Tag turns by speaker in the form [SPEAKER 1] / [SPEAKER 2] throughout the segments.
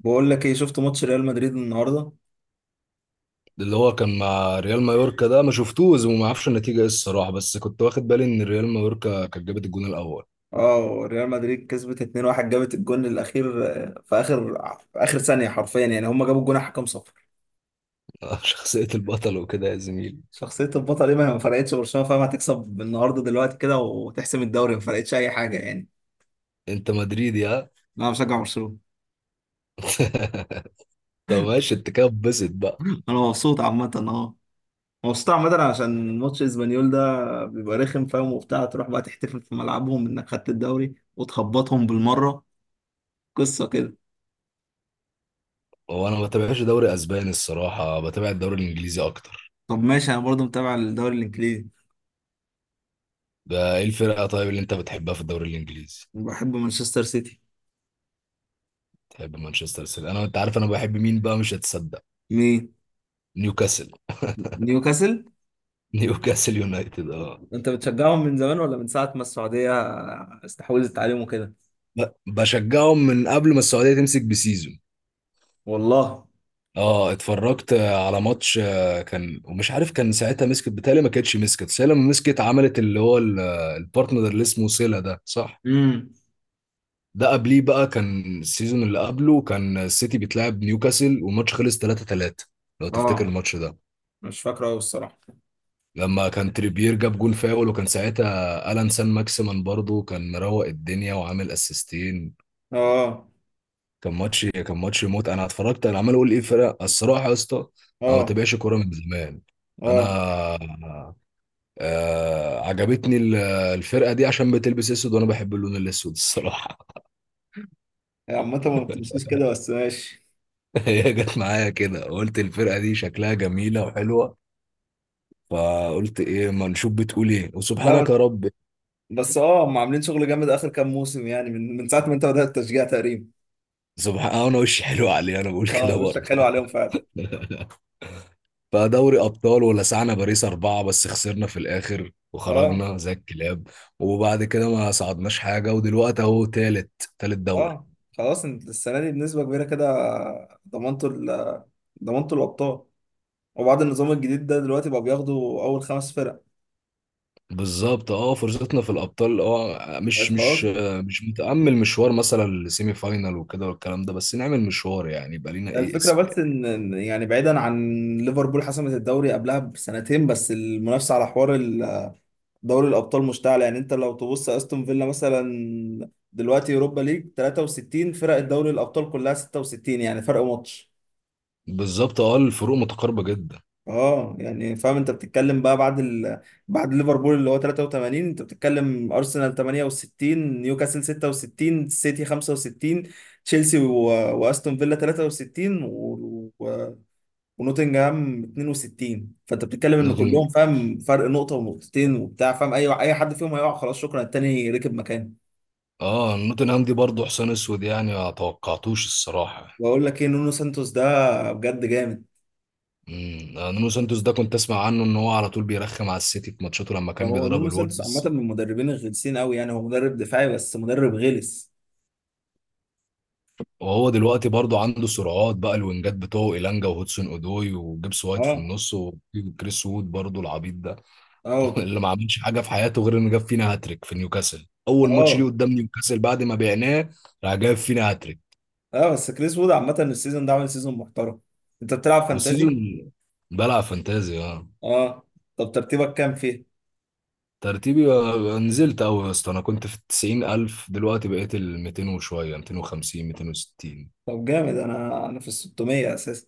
[SPEAKER 1] بقول لك ايه، شفت ماتش ريال مدريد النهارده؟
[SPEAKER 2] اللي هو كان مع ريال مايوركا ده ما شفتوش وما اعرفش النتيجه ايه الصراحه، بس كنت واخد بالي ان ريال مايوركا كانت جابت الجون الاول.
[SPEAKER 1] اه، ريال مدريد كسبت 2-1. جابت الجون الاخير، في اخر ثانيه حرفيا، يعني هم جابوا الجون على حكم صفر.
[SPEAKER 2] شخصيه البطل وكده يا زميلي.
[SPEAKER 1] شخصيه البطل ايه؟ ما فرقتش برشلونه، فاهم؟ هتكسب النهارده دلوقتي كده وتحسم الدوري، ما فرقتش اي حاجه يعني.
[SPEAKER 2] انت مدريدي ها؟
[SPEAKER 1] انا بشجع برشلونه.
[SPEAKER 2] طب ماشي، انت كده اتبسط بقى.
[SPEAKER 1] انا مبسوط عامه اه. مبسوط عامه عشان ماتش اسبانيول ده بيبقى رخم، فاهم؟ وبتاع، تروح بقى تحتفل في ملعبهم انك خدت الدوري وتخبطهم بالمره. قصه كده.
[SPEAKER 2] هو انا ما بتابعش دوري اسباني الصراحه، بتابع الدوري الانجليزي اكتر.
[SPEAKER 1] طب ماشي، انا برضو متابع الدوري الانجليزي.
[SPEAKER 2] ده ايه الفرقه طيب اللي انت بتحبها في الدوري الانجليزي؟
[SPEAKER 1] بحب مانشستر سيتي.
[SPEAKER 2] تحب مانشستر سيتي. انا انت عارف انا بحب مين بقى؟ مش هتصدق.
[SPEAKER 1] مين؟
[SPEAKER 2] نيوكاسل.
[SPEAKER 1] نيوكاسل.
[SPEAKER 2] نيوكاسل يونايتد اه.
[SPEAKER 1] انت بتشجعهم من زمان ولا من ساعة ما السعودية استحوذت عليهم وكده؟
[SPEAKER 2] بشجعهم من قبل ما السعوديه تمسك بسيزون.
[SPEAKER 1] والله.
[SPEAKER 2] اه، اتفرجت على ماتش كان، ومش عارف كان ساعتها مسكت، بتهيألي ما كانتش مسكت، بس هي لما مسكت عملت البارتنر اللي اسمه سيلا ده، صح؟
[SPEAKER 1] امم.
[SPEAKER 2] ده قبليه بقى، كان السيزون اللي قبله كان السيتي بيتلعب نيوكاسل، والماتش خلص 3-3. لو تفتكر
[SPEAKER 1] اه.
[SPEAKER 2] الماتش ده،
[SPEAKER 1] مش فاكره قوي الصراحة.
[SPEAKER 2] لما كان تريبير جاب جول فاول، وكان ساعتها الان سان ماكسيمان برضه كان مروق الدنيا وعامل اسيستين.
[SPEAKER 1] اه.
[SPEAKER 2] كان ماتش موت. انا اتفرجت، انا عمال اقول ايه فرق الصراحه يا اسطى. انا ما
[SPEAKER 1] اه.
[SPEAKER 2] بتابعش كوره من زمان. انا
[SPEAKER 1] اه.
[SPEAKER 2] عجبتني الفرقة دي عشان بتلبس اسود، وانا بحب اللون الاسود الصراحة.
[SPEAKER 1] هي عامة ما بتمشيش كده، بس ماشي.
[SPEAKER 2] هي جت معايا كده، قلت الفرقة دي شكلها جميلة وحلوة، فقلت ايه، ما نشوف بتقول ايه،
[SPEAKER 1] لا
[SPEAKER 2] وسبحانك
[SPEAKER 1] بس.
[SPEAKER 2] يا رب.
[SPEAKER 1] بس اه، هم عاملين شغل جامد اخر كام موسم، يعني من ساعة ما انت بدأت التشجيع تقريبا.
[SPEAKER 2] سبحان آه، انا وشي حلو عليه، انا بقول
[SPEAKER 1] اه،
[SPEAKER 2] كده
[SPEAKER 1] وشك حلو
[SPEAKER 2] برضه.
[SPEAKER 1] عليهم فعلا.
[SPEAKER 2] فدوري ابطال ولسعنا باريس 4، بس خسرنا في الاخر
[SPEAKER 1] اه.
[SPEAKER 2] وخرجنا زي الكلاب. وبعد كده ما صعدناش حاجة، ودلوقتي اهو تالت، تالت دوري.
[SPEAKER 1] اه. خلاص انت السنة دي بنسبة كبيرة كده ضمنتوا ال- ضمنتوا الأبطال. وبعد النظام الجديد ده دلوقتي بقى بياخدوا اول خمس فرق.
[SPEAKER 2] بالظبط اه، فرصتنا في الابطال اه،
[SPEAKER 1] بقت خلاص.
[SPEAKER 2] مش متامل مشوار مثلا لسيمي فاينال وكده والكلام ده، بس نعمل مشوار يعني يبقى لينا ايه
[SPEAKER 1] الفكره
[SPEAKER 2] اسم
[SPEAKER 1] بس
[SPEAKER 2] يعني.
[SPEAKER 1] ان يعني، بعيدا عن ليفربول حسمت الدوري قبلها بسنتين، بس المنافسه على حوار دوري الابطال مشتعله. يعني انت لو تبص استون فيلا مثلا، دلوقتي اوروبا ليج 63 فرق، الدوري الابطال كلها 66، يعني فرق ماتش.
[SPEAKER 2] بالظبط اه، الفروق متقاربه جدا.
[SPEAKER 1] اه يعني فاهم، انت بتتكلم بقى بعد بعد ليفربول اللي هو 83، انت بتتكلم ارسنال 68، نيوكاسل 66، سيتي 65، تشيلسي واستون فيلا 63 و... ونوتنجهام 62. فانت بتتكلم ان
[SPEAKER 2] نوتنج
[SPEAKER 1] كلهم فاهم فرق نقطة ونقطتين وبتاع، فاهم؟ اي حد فيهم هيقع خلاص شكرا، التاني ركب مكانه.
[SPEAKER 2] اه، نوتنهام دي برضه حسين اسود يعني، ما توقعتوش الصراحه.
[SPEAKER 1] واقول لك ايه، نونو سانتوس ده بجد جامد.
[SPEAKER 2] نونو سانتوس ده كنت اسمع عنه ان هو على طول بيرخم على السيتي في ماتشاته لما كان
[SPEAKER 1] هو
[SPEAKER 2] بيدرب
[SPEAKER 1] نونو سانتوس عامة
[SPEAKER 2] الولفز.
[SPEAKER 1] من المدربين الغلسين قوي، يعني هو مدرب دفاعي بس مدرب غلس.
[SPEAKER 2] وهو دلوقتي برضه عنده سرعات بقى، الوينجات بتوعه إيلانجا وهودسون اودوي وجيبس وايت في
[SPEAKER 1] اه.
[SPEAKER 2] النص، وكريس وود برضه العبيط ده.
[SPEAKER 1] اه.
[SPEAKER 2] اللي ما عملش حاجه في حياته غير انه جاب فينا هاتريك في نيوكاسل اول ماتش ليه
[SPEAKER 1] اه.
[SPEAKER 2] قدام نيوكاسل بعد ما بعناه. راح جاب فينا هاتريك.
[SPEAKER 1] اه. بس كريس وود عامة السيزون ده عامل سيزون محترم. انت بتلعب فانتازي؟
[SPEAKER 2] والسيزون. بلعب فانتازي اه.
[SPEAKER 1] اه. طب ترتيبك كام فيه؟
[SPEAKER 2] ترتيبي نزلت قوي يا اسطى، انا كنت في التسعين الف، دلوقتي بقيت ال 200 وشويه، 250، 260.
[SPEAKER 1] طب جامد، انا في ال 600 اساسا.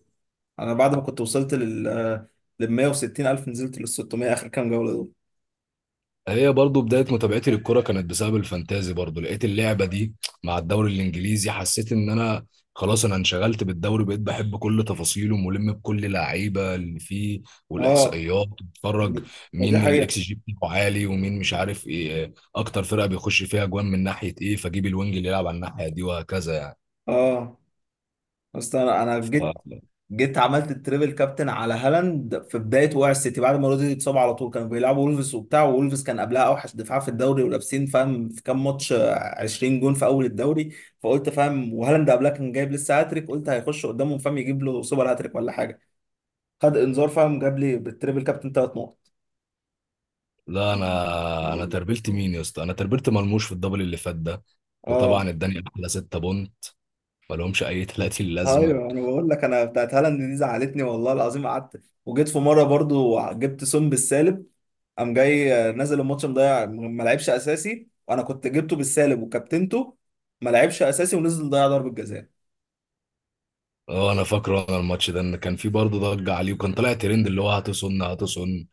[SPEAKER 1] انا بعد ما كنت وصلت لل 160 الف، نزلت لل 600 اخر كام جولة دول.
[SPEAKER 2] هي برضو بداية متابعتي للكرة كانت بسبب الفانتازي، برضو لقيت اللعبة دي مع الدوري الإنجليزي، حسيت إن أنا خلاص أنا انشغلت بالدوري، بقيت بحب كل تفاصيله، ملم بكل لعيبة اللي فيه
[SPEAKER 1] اه.
[SPEAKER 2] والإحصائيات. بتفرج
[SPEAKER 1] ودي
[SPEAKER 2] مين
[SPEAKER 1] حقيقة.
[SPEAKER 2] الإكس جي بتاعه عالي، ومين مش عارف إيه، أكتر فرقة بيخش فيها أجوان من ناحية إيه، فجيب الوينج اللي يلعب على الناحية دي، وهكذا يعني.
[SPEAKER 1] اه. بس انا جيت عملت التريبل كابتن على هالاند في بدايه وقع السيتي، بعد ما رودري اتصاب على طول. كانوا بيلعبوا وولفز وبتاع، وولفز كان قبلها اوحش دفاع في الدوري، ولابسين فاهم في كام ماتش 20 جون في اول الدوري. فقلت فاهم، وهالاند قبلها كان جايب لسه هاتريك، قلت هيخش قدامهم فاهم يجيب له سوبر هاتريك ولا حاجه. خد انذار، فاهم جاب لي بالتريبل كابتن ثلاث نقط.
[SPEAKER 2] لا أنا تربلت مين يا اسطى، أنا تربلت مرموش في الدبل اللي فات ده.
[SPEAKER 1] اه.
[SPEAKER 2] وطبعا اداني احلى 6 بونت، ملهمش اي 30 لازمه.
[SPEAKER 1] ايوه، انا بقول لك، انا بتاعت هالاند دي زعلتني والله العظيم. قعدت وجيت في مره برضو، جبت سون بالسالب، قام جاي نازل الماتش مضيع، ما لعبش اساسي وانا كنت جبته بالسالب وكابتنته. ما لعبش اساسي ونزل ضيع ضربة جزاء.
[SPEAKER 2] اه، انا فاكره انا الماتش ده، ان كان في برضه ضجه عليه، وكان طالع ترند اللي هو هتصن هتصن.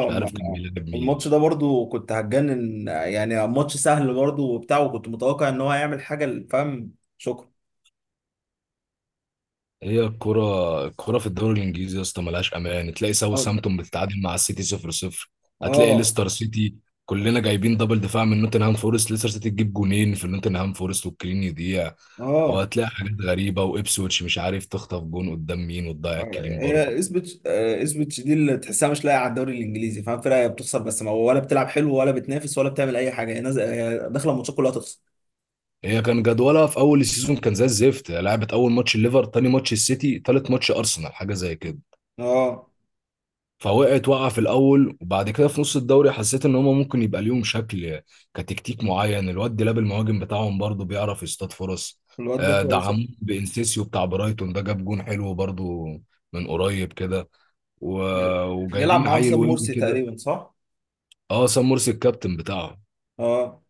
[SPEAKER 2] مش عارف كان بيلعب مين.
[SPEAKER 1] الماتش ده برضو كنت هتجنن، يعني ماتش سهل برضو وبتاع، وكنت متوقع ان هو هيعمل حاجة فاهم شكرا.
[SPEAKER 2] هي الكرة في الدوري الانجليزي يا اسطى ملهاش امان، تلاقي
[SPEAKER 1] اه.
[SPEAKER 2] ساوثهامبتون بتتعادل مع السيتي 0-0. هتلاقي
[SPEAKER 1] اه.
[SPEAKER 2] ليستر سيتي، كلنا جايبين دبل دفاع من نوتنهام فورست، ليستر سيتي تجيب جونين في نوتنهام فورست والكلين يضيع.
[SPEAKER 1] اه.
[SPEAKER 2] وهتلاقي حاجات غريبة، وابسويتش مش عارف تخطف جون قدام مين وتضيع الكلين
[SPEAKER 1] هي
[SPEAKER 2] برضه.
[SPEAKER 1] اسبتش آه، اسبتش دي اللي تحسها مش لاقيه على الدوري الانجليزي، فاهم؟ فرقه هي بتخسر بس، ما ولا بتلعب حلو ولا بتنافس ولا بتعمل اي حاجه، هي نازله هي داخله الماتشات كلها تخسر.
[SPEAKER 2] هي كان جدولها في اول السيزون كان زي الزفت، لعبت اول ماتش الليفر، تاني ماتش السيتي، تالت ماتش ارسنال، حاجة زي كده.
[SPEAKER 1] اه.
[SPEAKER 2] فوقعت، وقع في الاول، وبعد كده في نص الدوري حسيت ان هما ممكن يبقى ليهم شكل كتكتيك معين. الواد ديلاب المهاجم بتاعهم برضو بيعرف يصطاد فرص.
[SPEAKER 1] الواد ده كويس.
[SPEAKER 2] دعموه بانسيسيو بتاع برايتون ده، جاب جون حلو برضو من قريب كده.
[SPEAKER 1] بيلعب
[SPEAKER 2] وجايبين
[SPEAKER 1] معاهم
[SPEAKER 2] عيل
[SPEAKER 1] سام
[SPEAKER 2] وينج
[SPEAKER 1] مرسي
[SPEAKER 2] كده.
[SPEAKER 1] تقريبا، صح؟
[SPEAKER 2] اه سام مرسي الكابتن بتاعهم.
[SPEAKER 1] اه.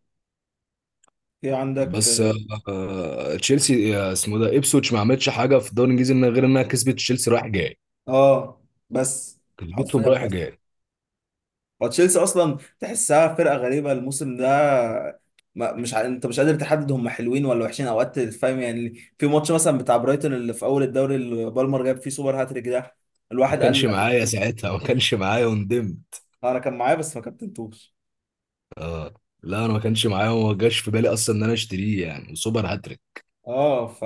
[SPEAKER 1] في عندك.
[SPEAKER 2] بس تشيلسي، اسمه ده ابسوتش، ما عملتش حاجه في الدوري الانجليزي غير انها كسبت تشيلسي رايح جاي،
[SPEAKER 1] اه بس.
[SPEAKER 2] كسبتهم
[SPEAKER 1] حرفيا
[SPEAKER 2] رايح
[SPEAKER 1] بس.
[SPEAKER 2] جاي.
[SPEAKER 1] وتشيلسي اصلا تحسها فرقه غريبه الموسم ده. ما مش ع... انت مش قادر تحدد هم حلوين ولا وحشين اوقات، فاهم يعني، في ماتش مثلا بتاع برايتون اللي في اول الدوري اللي بالمر جاب فيه سوبر هاتريك ده،
[SPEAKER 2] ما
[SPEAKER 1] الواحد قال
[SPEAKER 2] كانش
[SPEAKER 1] لك.
[SPEAKER 2] معايا ساعتها، ما كانش معايا وندمت.
[SPEAKER 1] انا كان معايا بس ما كابتنتوش.
[SPEAKER 2] لا انا ما كانش معايا وما جاش في بالي اصلا ان انا اشتريه، يعني سوبر هاتريك.
[SPEAKER 1] اه ف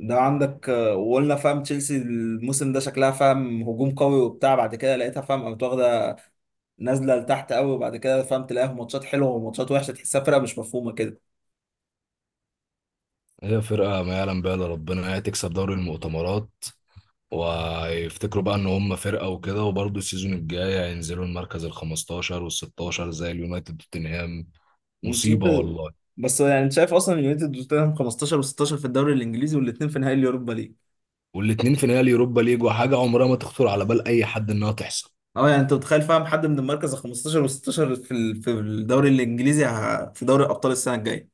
[SPEAKER 1] ده عندك وقلنا فاهم تشيلسي الموسم ده شكلها فاهم هجوم قوي وبتاع، بعد كده لقيتها فاهم قامت واخده نازله لتحت قوي، وبعد كده فهمت تلاقيها في ماتشات حلوه وماتشات وحشه، تحسها فرقه مش مفهومه كده.
[SPEAKER 2] هي فرقه ما يعلم بها الا ربنا، هي تكسب دوري المؤتمرات ويفتكروا بقى ان هم فرقه وكده، وبرضه السيزون الجاي هينزلوا المركز ال 15 وال 16 زي اليونايتد وتوتنهام.
[SPEAKER 1] نشوف-
[SPEAKER 2] مصيبه والله.
[SPEAKER 1] بس يعني انت شايف اصلا اليونايتد وتوتنهام 15 و16 في الدوري الانجليزي، والاثنين في نهائي اليوروبا ليج.
[SPEAKER 2] والاتنين في نهائي اليوروبا ليج، وحاجه عمرها ما تخطر على بال اي حد انها تحصل.
[SPEAKER 1] اه يعني انت متخيل فاهم حد من المركز ال 15 و16 في في الدوري الانجليزي في دوري ابطال السنه الجايه.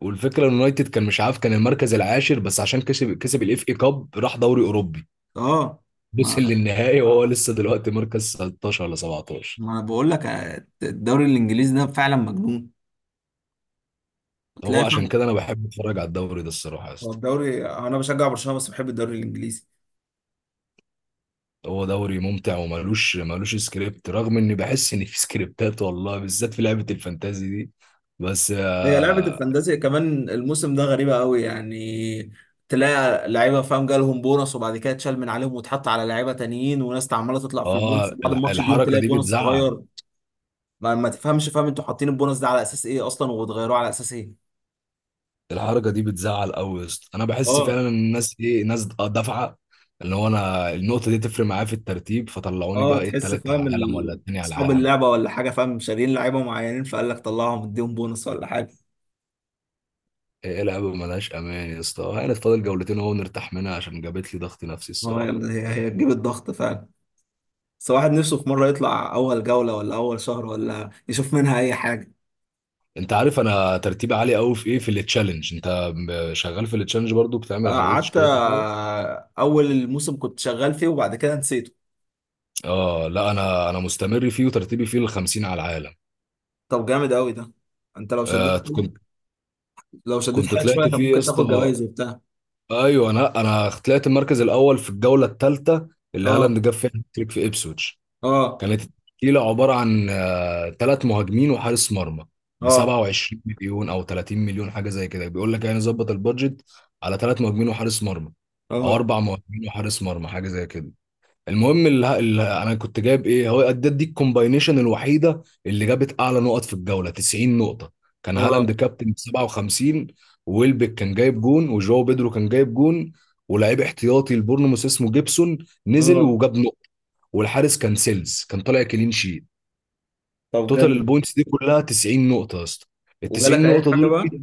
[SPEAKER 2] والفكره ان اليونايتد كان مش عارف، كان المركز العاشر، بس عشان كسب الاف اي كاب راح دوري اوروبي،
[SPEAKER 1] اه.
[SPEAKER 2] وصل
[SPEAKER 1] ما
[SPEAKER 2] للنهائي، وهو لسه دلوقتي مركز 16 ولا 17.
[SPEAKER 1] ما انا بقول لك الدوري الانجليزي ده فعلا مجنون.
[SPEAKER 2] هو
[SPEAKER 1] تلاقي
[SPEAKER 2] عشان
[SPEAKER 1] فاهم.
[SPEAKER 2] كده انا بحب اتفرج على الدوري ده الصراحه يا
[SPEAKER 1] هو
[SPEAKER 2] اسطى.
[SPEAKER 1] الدوري، انا بشجع برشلونه بس بحب الدوري الانجليزي.
[SPEAKER 2] هو دوري ممتع، وملوش سكريبت، رغم اني بحس ان في سكريبتات والله، بالذات في لعبه الفانتازي دي. بس
[SPEAKER 1] هي لعبة
[SPEAKER 2] اه،
[SPEAKER 1] الفانتازيا كمان الموسم ده غريبة قوي يعني، تلاقي لعيبة فاهم جالهم بونص وبعد كده اتشال من عليهم واتحط على لعيبة تانيين، وناس عمالة تطلع في البونص بعد الماتش بيوم
[SPEAKER 2] الحركه
[SPEAKER 1] تلاقي
[SPEAKER 2] دي
[SPEAKER 1] بونص
[SPEAKER 2] بتزعل.
[SPEAKER 1] اتغير. ما تفهمش فاهم، انتوا حاطين البونص ده على اساس ايه اصلا وبتغيروه على اساس ايه؟
[SPEAKER 2] الحركه دي بتزعل قوي يا اسطى، انا بحس
[SPEAKER 1] اه.
[SPEAKER 2] فعلا ان الناس ايه، ناس دافعه، ان هو انا النقطه دي تفرق معايا في الترتيب، فطلعوني
[SPEAKER 1] اه،
[SPEAKER 2] بقى ايه
[SPEAKER 1] تحس
[SPEAKER 2] التالت
[SPEAKER 1] فاهم
[SPEAKER 2] على العالم، ولا التاني على
[SPEAKER 1] اصحاب
[SPEAKER 2] العالم.
[SPEAKER 1] اللعبة ولا حاجة فاهم شاريين لعيبة معينين، فقال لك طلعهم اديهم بونص ولا حاجة.
[SPEAKER 2] ايه لعبه ملهاش امان يا اسطى، هانت فاضل جولتين اهو نرتاح منها، عشان جابت لي ضغط نفسي
[SPEAKER 1] اه
[SPEAKER 2] الصراحه.
[SPEAKER 1] يلا، هي تجيب الضغط فعلا. بس واحد نفسه في مرة يطلع أول جولة ولا أول شهر ولا يشوف منها أي حاجة.
[SPEAKER 2] انت عارف انا ترتيبي عالي قوي في ايه، في التشالنج. شغال في التشالنج برضو، بتعمل عليه
[SPEAKER 1] قعدت
[SPEAKER 2] تشكيلات وكده؟
[SPEAKER 1] اول الموسم كنت شغال فيه وبعد كده نسيته.
[SPEAKER 2] اه لا انا مستمر فيه، وترتيبي فيه الخمسين على العالم.
[SPEAKER 1] طب جامد قوي ده. انت لو شديت
[SPEAKER 2] آه كنت،
[SPEAKER 1] حيلك. لو شديت
[SPEAKER 2] كنت
[SPEAKER 1] حيلك شويه
[SPEAKER 2] طلعت
[SPEAKER 1] كان
[SPEAKER 2] فيه يا
[SPEAKER 1] ممكن تاخد
[SPEAKER 2] اسطى.
[SPEAKER 1] جوائز وبتاع.
[SPEAKER 2] ايوه انا طلعت المركز الاول في الجوله الثالثه، اللي
[SPEAKER 1] اه.
[SPEAKER 2] هالاند جاب فيها هاتريك في ابسويتش.
[SPEAKER 1] اه.
[SPEAKER 2] كانت التشكيله عباره عن 3 مهاجمين وحارس مرمى ب
[SPEAKER 1] اه.
[SPEAKER 2] 27 مليون او 30 مليون، حاجه زي كده، بيقول لك يعني ظبط البادجت على ثلاث مهاجمين وحارس مرمى، او
[SPEAKER 1] اه.
[SPEAKER 2] 4 مهاجمين وحارس مرمى، حاجه زي كده. المهم اللي انا كنت جايب ايه، هو ادت دي الكومباينيشن الوحيده اللي جابت اعلى نقط في الجوله، 90 نقطه. كان
[SPEAKER 1] اه.
[SPEAKER 2] هالاند كابتن ب 57. ويلبك كان جايب جون، وجواو بيدرو كان جايب جون، ولاعيب احتياطي البورنموث اسمه جيبسون نزل
[SPEAKER 1] اه.
[SPEAKER 2] وجاب نقطه، والحارس كان سيلز كان طالع كلين شيت.
[SPEAKER 1] طب
[SPEAKER 2] توتال
[SPEAKER 1] جامد.
[SPEAKER 2] البوينتس دي كلها 90 نقطه يا اسطى، ال
[SPEAKER 1] وجالك
[SPEAKER 2] 90
[SPEAKER 1] اي
[SPEAKER 2] نقطه
[SPEAKER 1] حاجه
[SPEAKER 2] دول.
[SPEAKER 1] بقى؟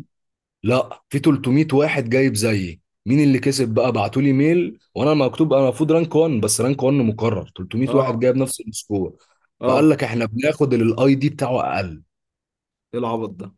[SPEAKER 2] لا، في 300 واحد جايب زيي، مين اللي كسب بقى؟ بعتوا لي ميل وانا مكتوب، انا المفروض رانك 1، بس رانك 1 مكرر 300 واحد
[SPEAKER 1] اه.
[SPEAKER 2] جايب نفس السكور. فقال
[SPEAKER 1] اه.
[SPEAKER 2] لك احنا بناخد اللي الاي دي بتاعه اقل.
[SPEAKER 1] ايه العبط ده؟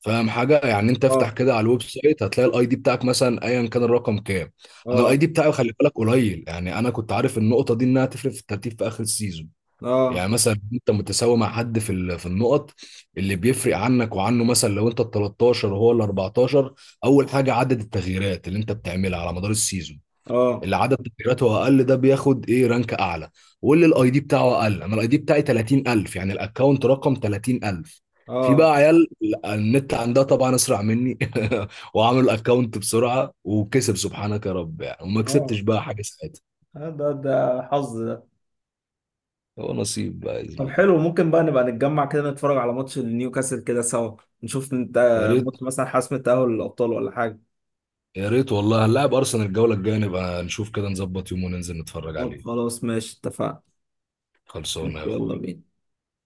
[SPEAKER 2] فاهم حاجه يعني، انت افتح
[SPEAKER 1] اه.
[SPEAKER 2] كده على الويب سايت هتلاقي الاي دي بتاعك مثلا ايا كان الرقم كام. انا الاي
[SPEAKER 1] اه.
[SPEAKER 2] دي بتاعي خلي بالك قليل، يعني انا كنت عارف النقطه دي انها تفرق في الترتيب في اخر السيزون.
[SPEAKER 1] اه.
[SPEAKER 2] يعني مثلا انت متساوي مع حد في في النقط، اللي بيفرق عنك وعنه مثلا لو انت ال 13 وهو ال 14، اول حاجه عدد التغييرات اللي انت بتعملها على مدار السيزون،
[SPEAKER 1] اه.
[SPEAKER 2] اللي عدد تغييراته اقل ده بياخد ايه رانك اعلى. واللي
[SPEAKER 1] اه.
[SPEAKER 2] الاي دي بتاعه اقل، انا الاي دي بتاعي 30000، يعني الاكونت رقم 30000. في
[SPEAKER 1] اه.
[SPEAKER 2] بقى عيال النت عندها طبعا اسرع مني. وعملوا الاكونت بسرعه وكسب، سبحانك يا رب يعني، وما
[SPEAKER 1] آه.
[SPEAKER 2] كسبتش بقى حاجه ساعتها.
[SPEAKER 1] ده حظ.
[SPEAKER 2] هو نصيب بقى يا
[SPEAKER 1] طب
[SPEAKER 2] زميلي.
[SPEAKER 1] حلو، ممكن بقى نبقى نتجمع كده نتفرج على ماتش نيوكاسل كده سوا. نشوف انت
[SPEAKER 2] يا
[SPEAKER 1] ماتش
[SPEAKER 2] ريت.
[SPEAKER 1] مثلا حسم التأهل للأبطال ولا حاجة.
[SPEAKER 2] يا ريت والله، هنلاعب ارسنال الجوله الجايه، نبقى نشوف كده، نظبط يوم وننزل نتفرج
[SPEAKER 1] طب
[SPEAKER 2] عليه.
[SPEAKER 1] خلاص ماشي، اتفقنا.
[SPEAKER 2] خلصانه يا
[SPEAKER 1] ماشي يلا
[SPEAKER 2] اخوي.
[SPEAKER 1] بينا.